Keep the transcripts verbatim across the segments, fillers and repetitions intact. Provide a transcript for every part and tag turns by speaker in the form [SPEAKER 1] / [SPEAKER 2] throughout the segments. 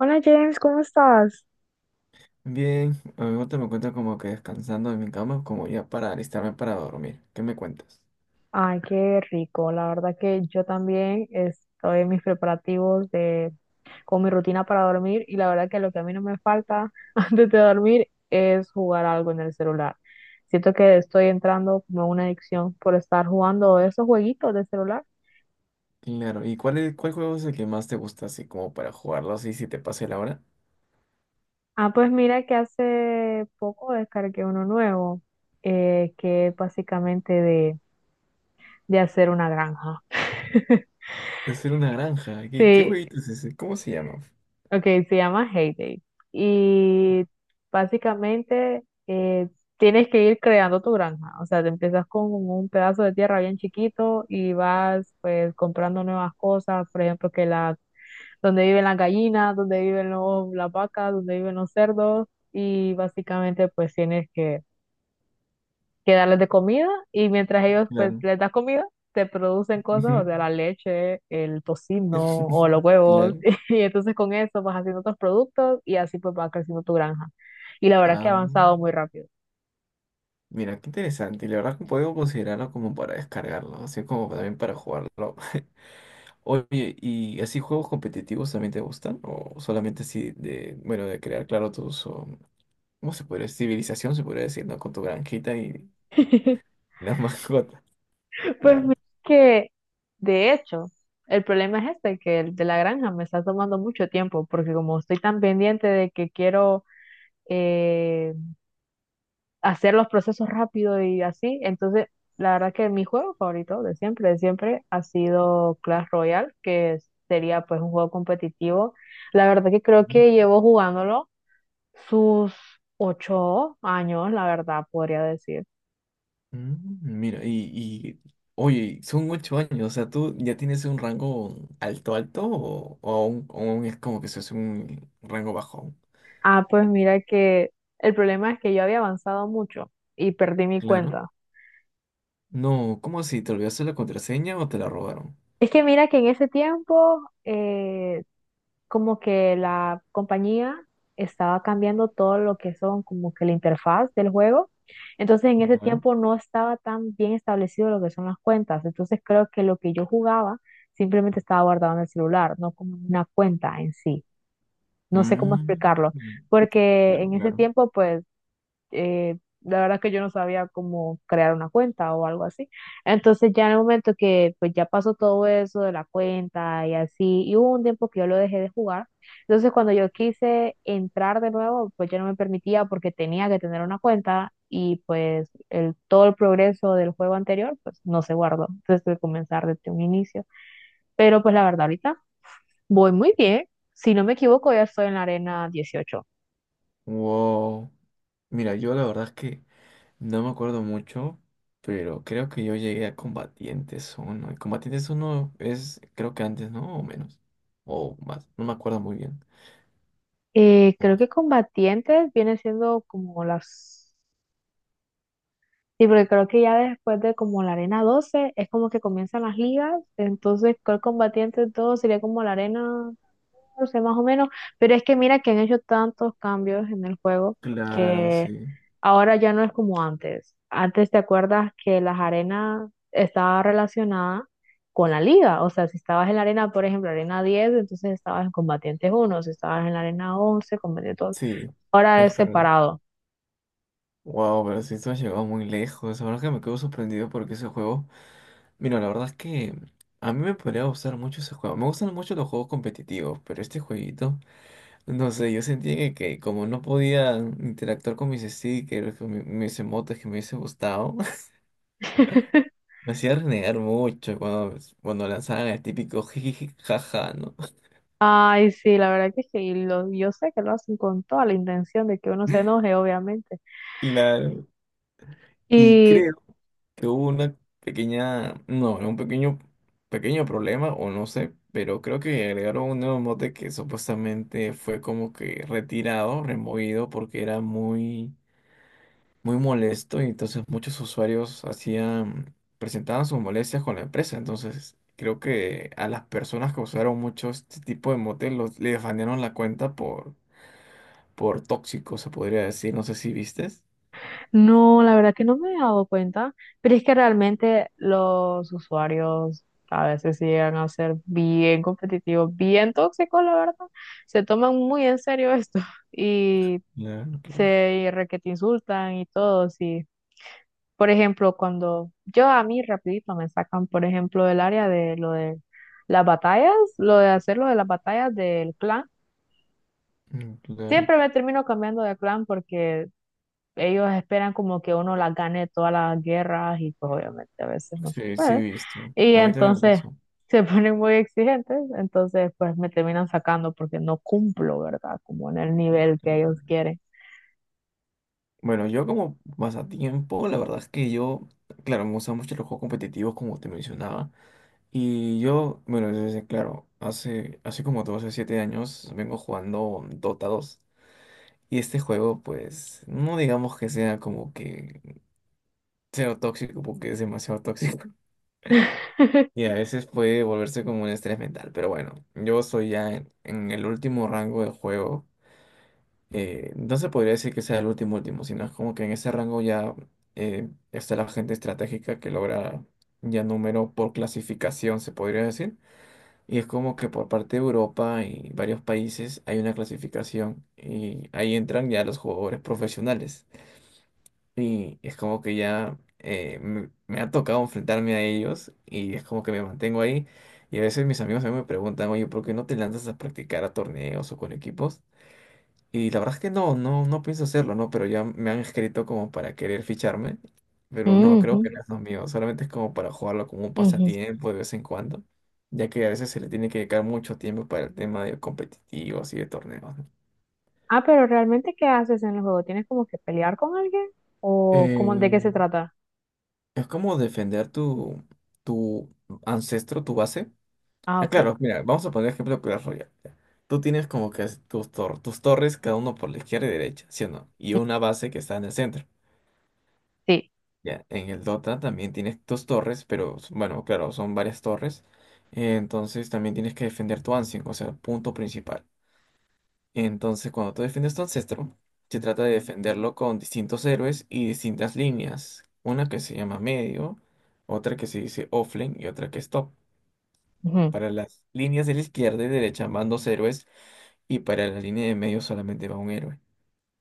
[SPEAKER 1] Hola James, ¿cómo estás?
[SPEAKER 2] Bien, ahorita me encuentro como que descansando en mi cama, como ya para alistarme para dormir. ¿Qué me cuentas?
[SPEAKER 1] Ay, qué rico. La verdad que yo también estoy en mis preparativos de, con mi rutina para dormir y la verdad que lo que a mí no me falta antes de dormir es jugar algo en el celular. Siento que estoy entrando como en una adicción por estar jugando esos jueguitos de celular.
[SPEAKER 2] Claro, ¿y cuál es, cuál juego es el que más te gusta así como para jugarlo así si te pase la hora?
[SPEAKER 1] Ah, pues mira que hace poco descargué uno nuevo, eh, que es básicamente de, de hacer una granja.
[SPEAKER 2] Es ser una granja. ¿Qué, qué
[SPEAKER 1] Sí,
[SPEAKER 2] jueguito es ese? ¿Cómo se llama?
[SPEAKER 1] ok, se llama Heyday. Y básicamente eh, tienes que ir creando tu granja. O sea, te empiezas con un pedazo de tierra bien chiquito y vas pues comprando nuevas cosas. Por ejemplo, que la, donde viven las gallinas, donde viven los, las vacas, donde viven los cerdos. Y básicamente pues tienes que que darles de comida y mientras ellos pues
[SPEAKER 2] Claro.
[SPEAKER 1] les das comida, te producen cosas, o
[SPEAKER 2] Ujú.
[SPEAKER 1] sea, la leche, el tocino o los huevos
[SPEAKER 2] Claro.
[SPEAKER 1] y entonces con eso vas haciendo otros productos y así pues va creciendo tu granja. Y la verdad que ha
[SPEAKER 2] Ah,
[SPEAKER 1] avanzado muy rápido.
[SPEAKER 2] mira, qué interesante. Y la verdad que puedo considerarlo como para descargarlo, así como también para jugarlo. Oye, ¿y así juegos competitivos también te gustan? ¿O solamente así de, bueno, de crear, claro, tus, ¿cómo se podría decir? Civilización se podría decir, ¿no? Con tu granjita y las mascotas,
[SPEAKER 1] Pues
[SPEAKER 2] claro.
[SPEAKER 1] mira que de hecho, el problema es este, que el de la granja me está tomando mucho tiempo porque como estoy tan pendiente de que quiero... eh, hacer los procesos rápido y así. Entonces, la verdad que mi juego favorito de siempre, de siempre, ha sido Clash Royale, que es- sería pues un juego competitivo. La verdad que creo que llevo jugándolo sus ocho años, la verdad, podría decir.
[SPEAKER 2] Mm, Mira, y, y oye, son ocho años, o sea, ¿tú ya tienes un rango alto alto o, o aún, aún es como que se hace un rango bajo?
[SPEAKER 1] Ah, pues mira que el problema es que yo había avanzado mucho y perdí mi
[SPEAKER 2] Claro.
[SPEAKER 1] cuenta.
[SPEAKER 2] No, ¿cómo así? ¿Te olvidaste la contraseña o te la robaron?
[SPEAKER 1] Es que mira que en ese tiempo, eh, como que la compañía estaba cambiando todo lo que son como que la interfaz del juego. Entonces en ese
[SPEAKER 2] Claro.
[SPEAKER 1] tiempo no estaba tan bien establecido lo que son las cuentas. Entonces creo que lo que yo jugaba simplemente estaba guardado en el celular, no como una cuenta en sí. No sé cómo
[SPEAKER 2] Mm,
[SPEAKER 1] explicarlo, porque
[SPEAKER 2] claro,
[SPEAKER 1] en ese
[SPEAKER 2] claro.
[SPEAKER 1] tiempo pues eh, la verdad que yo no sabía cómo crear una cuenta o algo así. Entonces ya en el momento que pues ya pasó todo eso de la cuenta y así, y hubo un tiempo que yo lo dejé de jugar. Entonces cuando yo quise entrar de nuevo, pues ya no me permitía porque tenía que tener una cuenta y pues el, todo el progreso del juego anterior pues no se guardó. Entonces tuve que comenzar desde un inicio. Pero pues la verdad ahorita voy muy bien. Si no me equivoco, ya estoy en la arena dieciocho.
[SPEAKER 2] Wow. Mira, yo la verdad es que no me acuerdo mucho, pero creo que yo llegué a Combatientes uno y Combatientes uno es, creo que antes, ¿no? O menos. O más. No me acuerdo muy bien.
[SPEAKER 1] Eh, creo
[SPEAKER 2] Ok.
[SPEAKER 1] que combatientes viene siendo como las... Sí, porque creo que ya después de como la arena doce es como que comienzan las ligas, entonces creo que combatientes todo sería como la arena catorce más o menos, pero es que mira que han hecho tantos cambios en el juego
[SPEAKER 2] Claro,
[SPEAKER 1] que
[SPEAKER 2] sí.
[SPEAKER 1] ahora ya no es como antes. Antes te acuerdas que las arenas estaba relacionada con la liga, o sea, si estabas en la arena, por ejemplo, arena diez entonces estabas en combatientes uno, si estabas en la arena once, combatientes.
[SPEAKER 2] Sí,
[SPEAKER 1] Ahora
[SPEAKER 2] es
[SPEAKER 1] es
[SPEAKER 2] correcto.
[SPEAKER 1] separado.
[SPEAKER 2] Wow, pero sí, esto ha llegado muy lejos. La verdad que me quedo sorprendido porque ese juego. Mira, la verdad es que a mí me podría gustar mucho ese juego. Me gustan mucho los juegos competitivos, pero este jueguito, no sé, yo sentía que, que como no podía interactuar con mis stickers, con mi- mis emotes que me hubiese gustado. Me hacía renegar mucho cuando, cuando lanzaban el típico jiji, jaja, ¿no?
[SPEAKER 1] Ay, sí, la verdad que sí, y lo- yo sé que lo hacen con toda la intención de que uno se enoje, obviamente.
[SPEAKER 2] Claro. Y
[SPEAKER 1] Y
[SPEAKER 2] creo que hubo una pequeña, no, un pequeño, pequeño problema, o no sé, pero creo que agregaron un nuevo mote que supuestamente fue como que retirado, removido, porque era muy, muy molesto, y entonces muchos usuarios hacían, presentaban sus molestias con la empresa. Entonces, creo que a las personas que usaron mucho este tipo de mote los, les banearon la cuenta por por tóxico, se podría decir. No sé si vistes.
[SPEAKER 1] no, la verdad que no me he dado cuenta, pero es que realmente los usuarios a veces sí llegan a ser bien competitivos, bien tóxicos, la verdad. Se toman muy en serio esto y
[SPEAKER 2] Claro, claro.
[SPEAKER 1] se requete insultan y todo, sí. Por ejemplo, cuando yo a mí rapidito me sacan, por ejemplo, del área de lo de las batallas, lo de hacer lo de las batallas del clan,
[SPEAKER 2] Mm, claro.
[SPEAKER 1] siempre me termino cambiando de clan porque ellos esperan como que uno las gane todas las guerras y pues obviamente a veces no se
[SPEAKER 2] Sí, sí he
[SPEAKER 1] puede.
[SPEAKER 2] visto.
[SPEAKER 1] Y
[SPEAKER 2] A mí también me
[SPEAKER 1] entonces
[SPEAKER 2] pasó.
[SPEAKER 1] se ponen muy exigentes, entonces pues me terminan sacando porque no cumplo, ¿verdad? Como en el nivel que ellos quieren.
[SPEAKER 2] Bueno, yo como pasatiempo, la verdad es que yo, claro, me gustan mucho los juegos competitivos, como te mencionaba. Y yo, bueno, desde, claro, hace, hace como doce o siete años vengo jugando Dota dos. Y este juego, pues, no digamos que sea como que cero tóxico, porque es demasiado tóxico. Y a veces puede volverse como un estrés mental, pero bueno, yo soy ya en, en el último rango del juego. Eh, no se podría decir que sea el último último, sino es como que en ese rango ya eh, está la gente estratégica que logra ya número por clasificación, se podría decir. Y es como que por parte de Europa y varios países hay una clasificación y ahí entran ya los jugadores profesionales. Y es como que ya eh, me, me ha tocado enfrentarme a ellos y es como que me mantengo ahí. Y a veces mis amigos a mí me preguntan, oye, ¿por qué no te lanzas a practicar a torneos o con equipos? Y la verdad es que no, no, no pienso hacerlo, ¿no? Pero ya me han escrito como para querer ficharme. Pero no,
[SPEAKER 1] Ujú,
[SPEAKER 2] creo que no es lo mío. Solamente es como para jugarlo como un
[SPEAKER 1] ujú.
[SPEAKER 2] pasatiempo de vez en cuando. Ya que a veces se le tiene que dedicar mucho tiempo para el tema de competitivos y de torneos, ¿no?
[SPEAKER 1] Ah, pero realmente, ¿qué haces en el juego? ¿Tienes como que pelear con alguien? ¿O cómo, de qué
[SPEAKER 2] Eh,
[SPEAKER 1] se trata?
[SPEAKER 2] Es como defender tu, tu ancestro, tu base.
[SPEAKER 1] Ah,
[SPEAKER 2] Ah,
[SPEAKER 1] ok.
[SPEAKER 2] claro, mira, vamos a poner ejemplo de Clash Royale. Ya. Tú tienes como que es- tus, tor- tus torres, cada uno por la izquierda y derecha, ¿sí o no? Y
[SPEAKER 1] Mm,
[SPEAKER 2] una base que está en el centro.
[SPEAKER 1] sí.
[SPEAKER 2] Ya, en el Dota también tienes tus torres, pero s- bueno, claro, son varias torres. Eh, Entonces también tienes que defender tu ancien, o sea, el punto principal. Entonces, cuando tú defiendes tu ancestro, se trata de defenderlo con distintos héroes y distintas líneas. Una que se llama medio, otra que se dice offlane y otra que es top.
[SPEAKER 1] Ujú,
[SPEAKER 2] Para las líneas de la izquierda y derecha van dos héroes y para la línea de medio solamente va un héroe.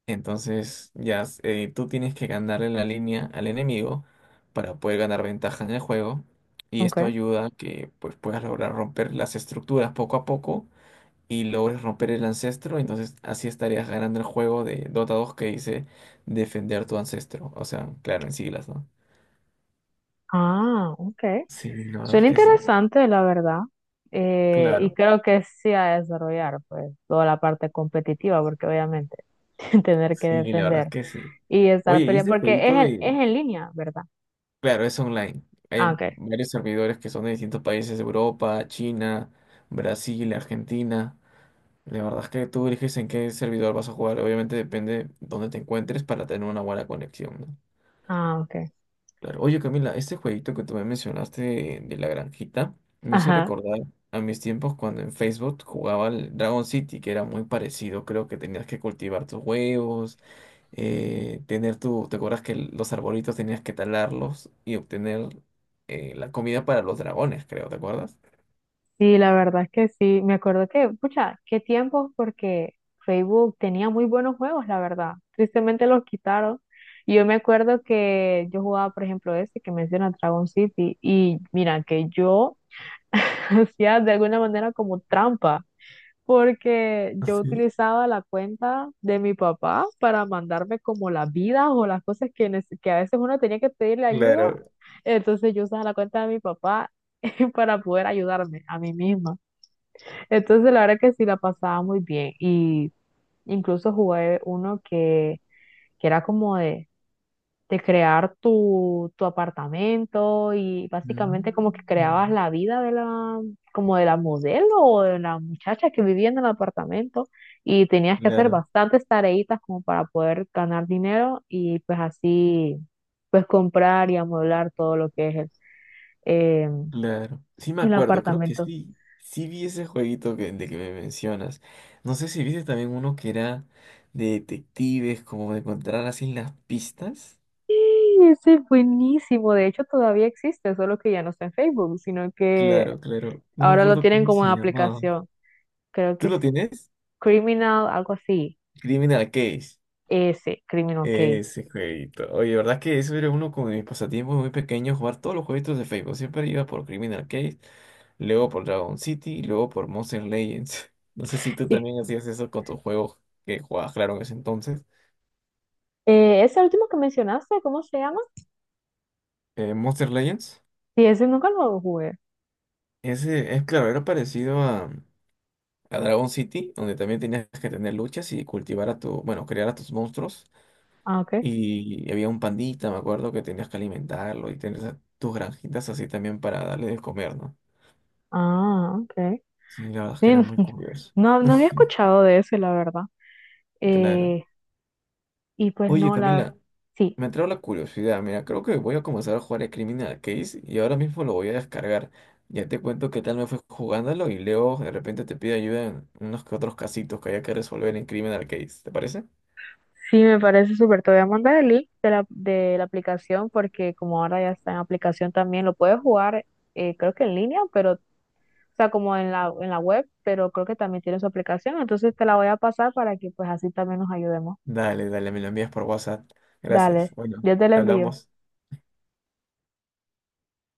[SPEAKER 2] Entonces, ya eh, tú tienes que ganarle la línea al enemigo para poder ganar ventaja en el juego y
[SPEAKER 1] ok.
[SPEAKER 2] esto ayuda a que pues, puedas lograr romper las estructuras poco a poco y logres romper el ancestro, entonces así estarías ganando el juego de Dota dos que dice defender tu ancestro. O sea, claro, en siglas, ¿no?
[SPEAKER 1] Ah, ok.
[SPEAKER 2] Sí, la verdad es
[SPEAKER 1] Suena
[SPEAKER 2] que sí.
[SPEAKER 1] interesante, la verdad. Eh, y
[SPEAKER 2] Claro,
[SPEAKER 1] creo que sí a desarrollar, pues, toda la parte competitiva, porque obviamente tener que
[SPEAKER 2] sí, la verdad es
[SPEAKER 1] defender
[SPEAKER 2] que sí.
[SPEAKER 1] y
[SPEAKER 2] Oye,
[SPEAKER 1] estar
[SPEAKER 2] y este
[SPEAKER 1] peleando, porque es,
[SPEAKER 2] jueguito
[SPEAKER 1] en-
[SPEAKER 2] de...
[SPEAKER 1] es en línea, ¿verdad?
[SPEAKER 2] Claro, es online. Hay
[SPEAKER 1] Ah, ok.
[SPEAKER 2] varios servidores que son de distintos países, Europa, China, Brasil, Argentina. La verdad es que tú eliges en qué servidor vas a jugar. Obviamente depende de dónde te encuentres para tener una buena conexión, ¿no?
[SPEAKER 1] Ah, ok.
[SPEAKER 2] Claro. Oye, Camila, este jueguito que tú me mencionaste de, de la granjita me hizo
[SPEAKER 1] Ajá.
[SPEAKER 2] recordar a mis tiempos cuando en Facebook jugaba al Dragon City, que era muy parecido. Creo que tenías que cultivar tus huevos, eh, tener tu. ¿Te acuerdas que los arbolitos tenías que talarlos y obtener eh, la comida para los dragones, creo, ¿te acuerdas?
[SPEAKER 1] Sí, la verdad es que sí. Me acuerdo que, pucha, qué tiempos porque Facebook tenía muy buenos juegos, la verdad. Tristemente los quitaron. Y yo me acuerdo que yo jugaba, por ejemplo, ese que menciona Dragon City. Y mira, que yo hacía de alguna manera como trampa, porque
[SPEAKER 2] ¿Ah,
[SPEAKER 1] yo
[SPEAKER 2] sí?
[SPEAKER 1] utilizaba la cuenta de mi papá para mandarme como las vidas o las cosas que, nece- que a veces uno tenía que pedirle ayuda.
[SPEAKER 2] Claro.
[SPEAKER 1] Entonces yo usaba la cuenta de mi papá para poder ayudarme a mí misma. Entonces, la verdad que sí la pasaba muy bien. Y incluso jugué uno que, que era como de, de crear tu, tu apartamento y básicamente como que creabas
[SPEAKER 2] Mm,
[SPEAKER 1] la vida de la, como de la modelo o de la muchacha que vivía en el apartamento y tenías que hacer
[SPEAKER 2] claro.
[SPEAKER 1] bastantes tareitas como para poder ganar dinero y pues así, pues comprar y amueblar todo lo que es el, eh,
[SPEAKER 2] Claro, sí me
[SPEAKER 1] el
[SPEAKER 2] acuerdo, creo que
[SPEAKER 1] apartamento.
[SPEAKER 2] sí, sí vi ese jueguito que, de que me mencionas. No sé si viste también uno que era de detectives, como de encontrar así las pistas.
[SPEAKER 1] Sí, ese es buenísimo. De hecho, todavía existe, solo que ya no está en Facebook, sino que
[SPEAKER 2] Claro, claro, no me
[SPEAKER 1] ahora lo
[SPEAKER 2] acuerdo
[SPEAKER 1] tienen
[SPEAKER 2] cómo
[SPEAKER 1] como
[SPEAKER 2] se
[SPEAKER 1] en
[SPEAKER 2] llamaba.
[SPEAKER 1] aplicación. Creo
[SPEAKER 2] ¿Tú
[SPEAKER 1] que
[SPEAKER 2] lo
[SPEAKER 1] es
[SPEAKER 2] tienes?
[SPEAKER 1] Criminal, algo así.
[SPEAKER 2] Criminal Case.
[SPEAKER 1] Ese, Criminal Case.
[SPEAKER 2] Ese jueguito. Oye, verdad que eso era uno como de mis pasatiempos muy pequeños, jugar todos los jueguitos de Facebook. Siempre iba por Criminal Case, luego por Dragon City y luego por Monster Legends. No sé si tú
[SPEAKER 1] Y,
[SPEAKER 2] también hacías eso con tus juegos que jugabas, claro, en ese entonces.
[SPEAKER 1] eh, ese último que mencionaste, ¿cómo se llama?
[SPEAKER 2] eh, Monster Legends.
[SPEAKER 1] Sí, ese nunca lo jugué.
[SPEAKER 2] Ese es claro, era parecido a, a Dragon City, donde también tenías que tener luchas y cultivar a tu, bueno, crear a tus monstruos.
[SPEAKER 1] Ah, ok.
[SPEAKER 2] Y había un pandita, me acuerdo, que tenías que alimentarlo y tener esa- tus granjitas así también para darle de comer, ¿no?
[SPEAKER 1] Ah, ok.
[SPEAKER 2] Sí, la verdad es
[SPEAKER 1] Sí,
[SPEAKER 2] que era muy curioso.
[SPEAKER 1] no, no había escuchado de ese, la verdad.
[SPEAKER 2] Claro.
[SPEAKER 1] Eh, y pues
[SPEAKER 2] Oye,
[SPEAKER 1] no, la verdad.
[SPEAKER 2] Camila,
[SPEAKER 1] Sí.
[SPEAKER 2] me entró la curiosidad, mira, creo que voy a comenzar a jugar el Criminal Case y ahora mismo lo voy a descargar. Ya te cuento qué tal me fue jugándolo y luego de repente te pido ayuda en unos que otros casitos que haya que resolver en Criminal Case, ¿te parece?
[SPEAKER 1] Sí, me parece súper. Te voy a mandar el link de la, de la aplicación porque como ahora ya está en aplicación también, lo puedes jugar eh, creo que en línea, pero, o sea, como en la, en la web, pero creo que también tiene su aplicación. Entonces te la voy a pasar para que pues así también nos ayudemos.
[SPEAKER 2] Dale, dale, me lo envías por WhatsApp. Gracias.
[SPEAKER 1] Dale,
[SPEAKER 2] Bueno,
[SPEAKER 1] yo te la
[SPEAKER 2] te
[SPEAKER 1] envío.
[SPEAKER 2] hablamos.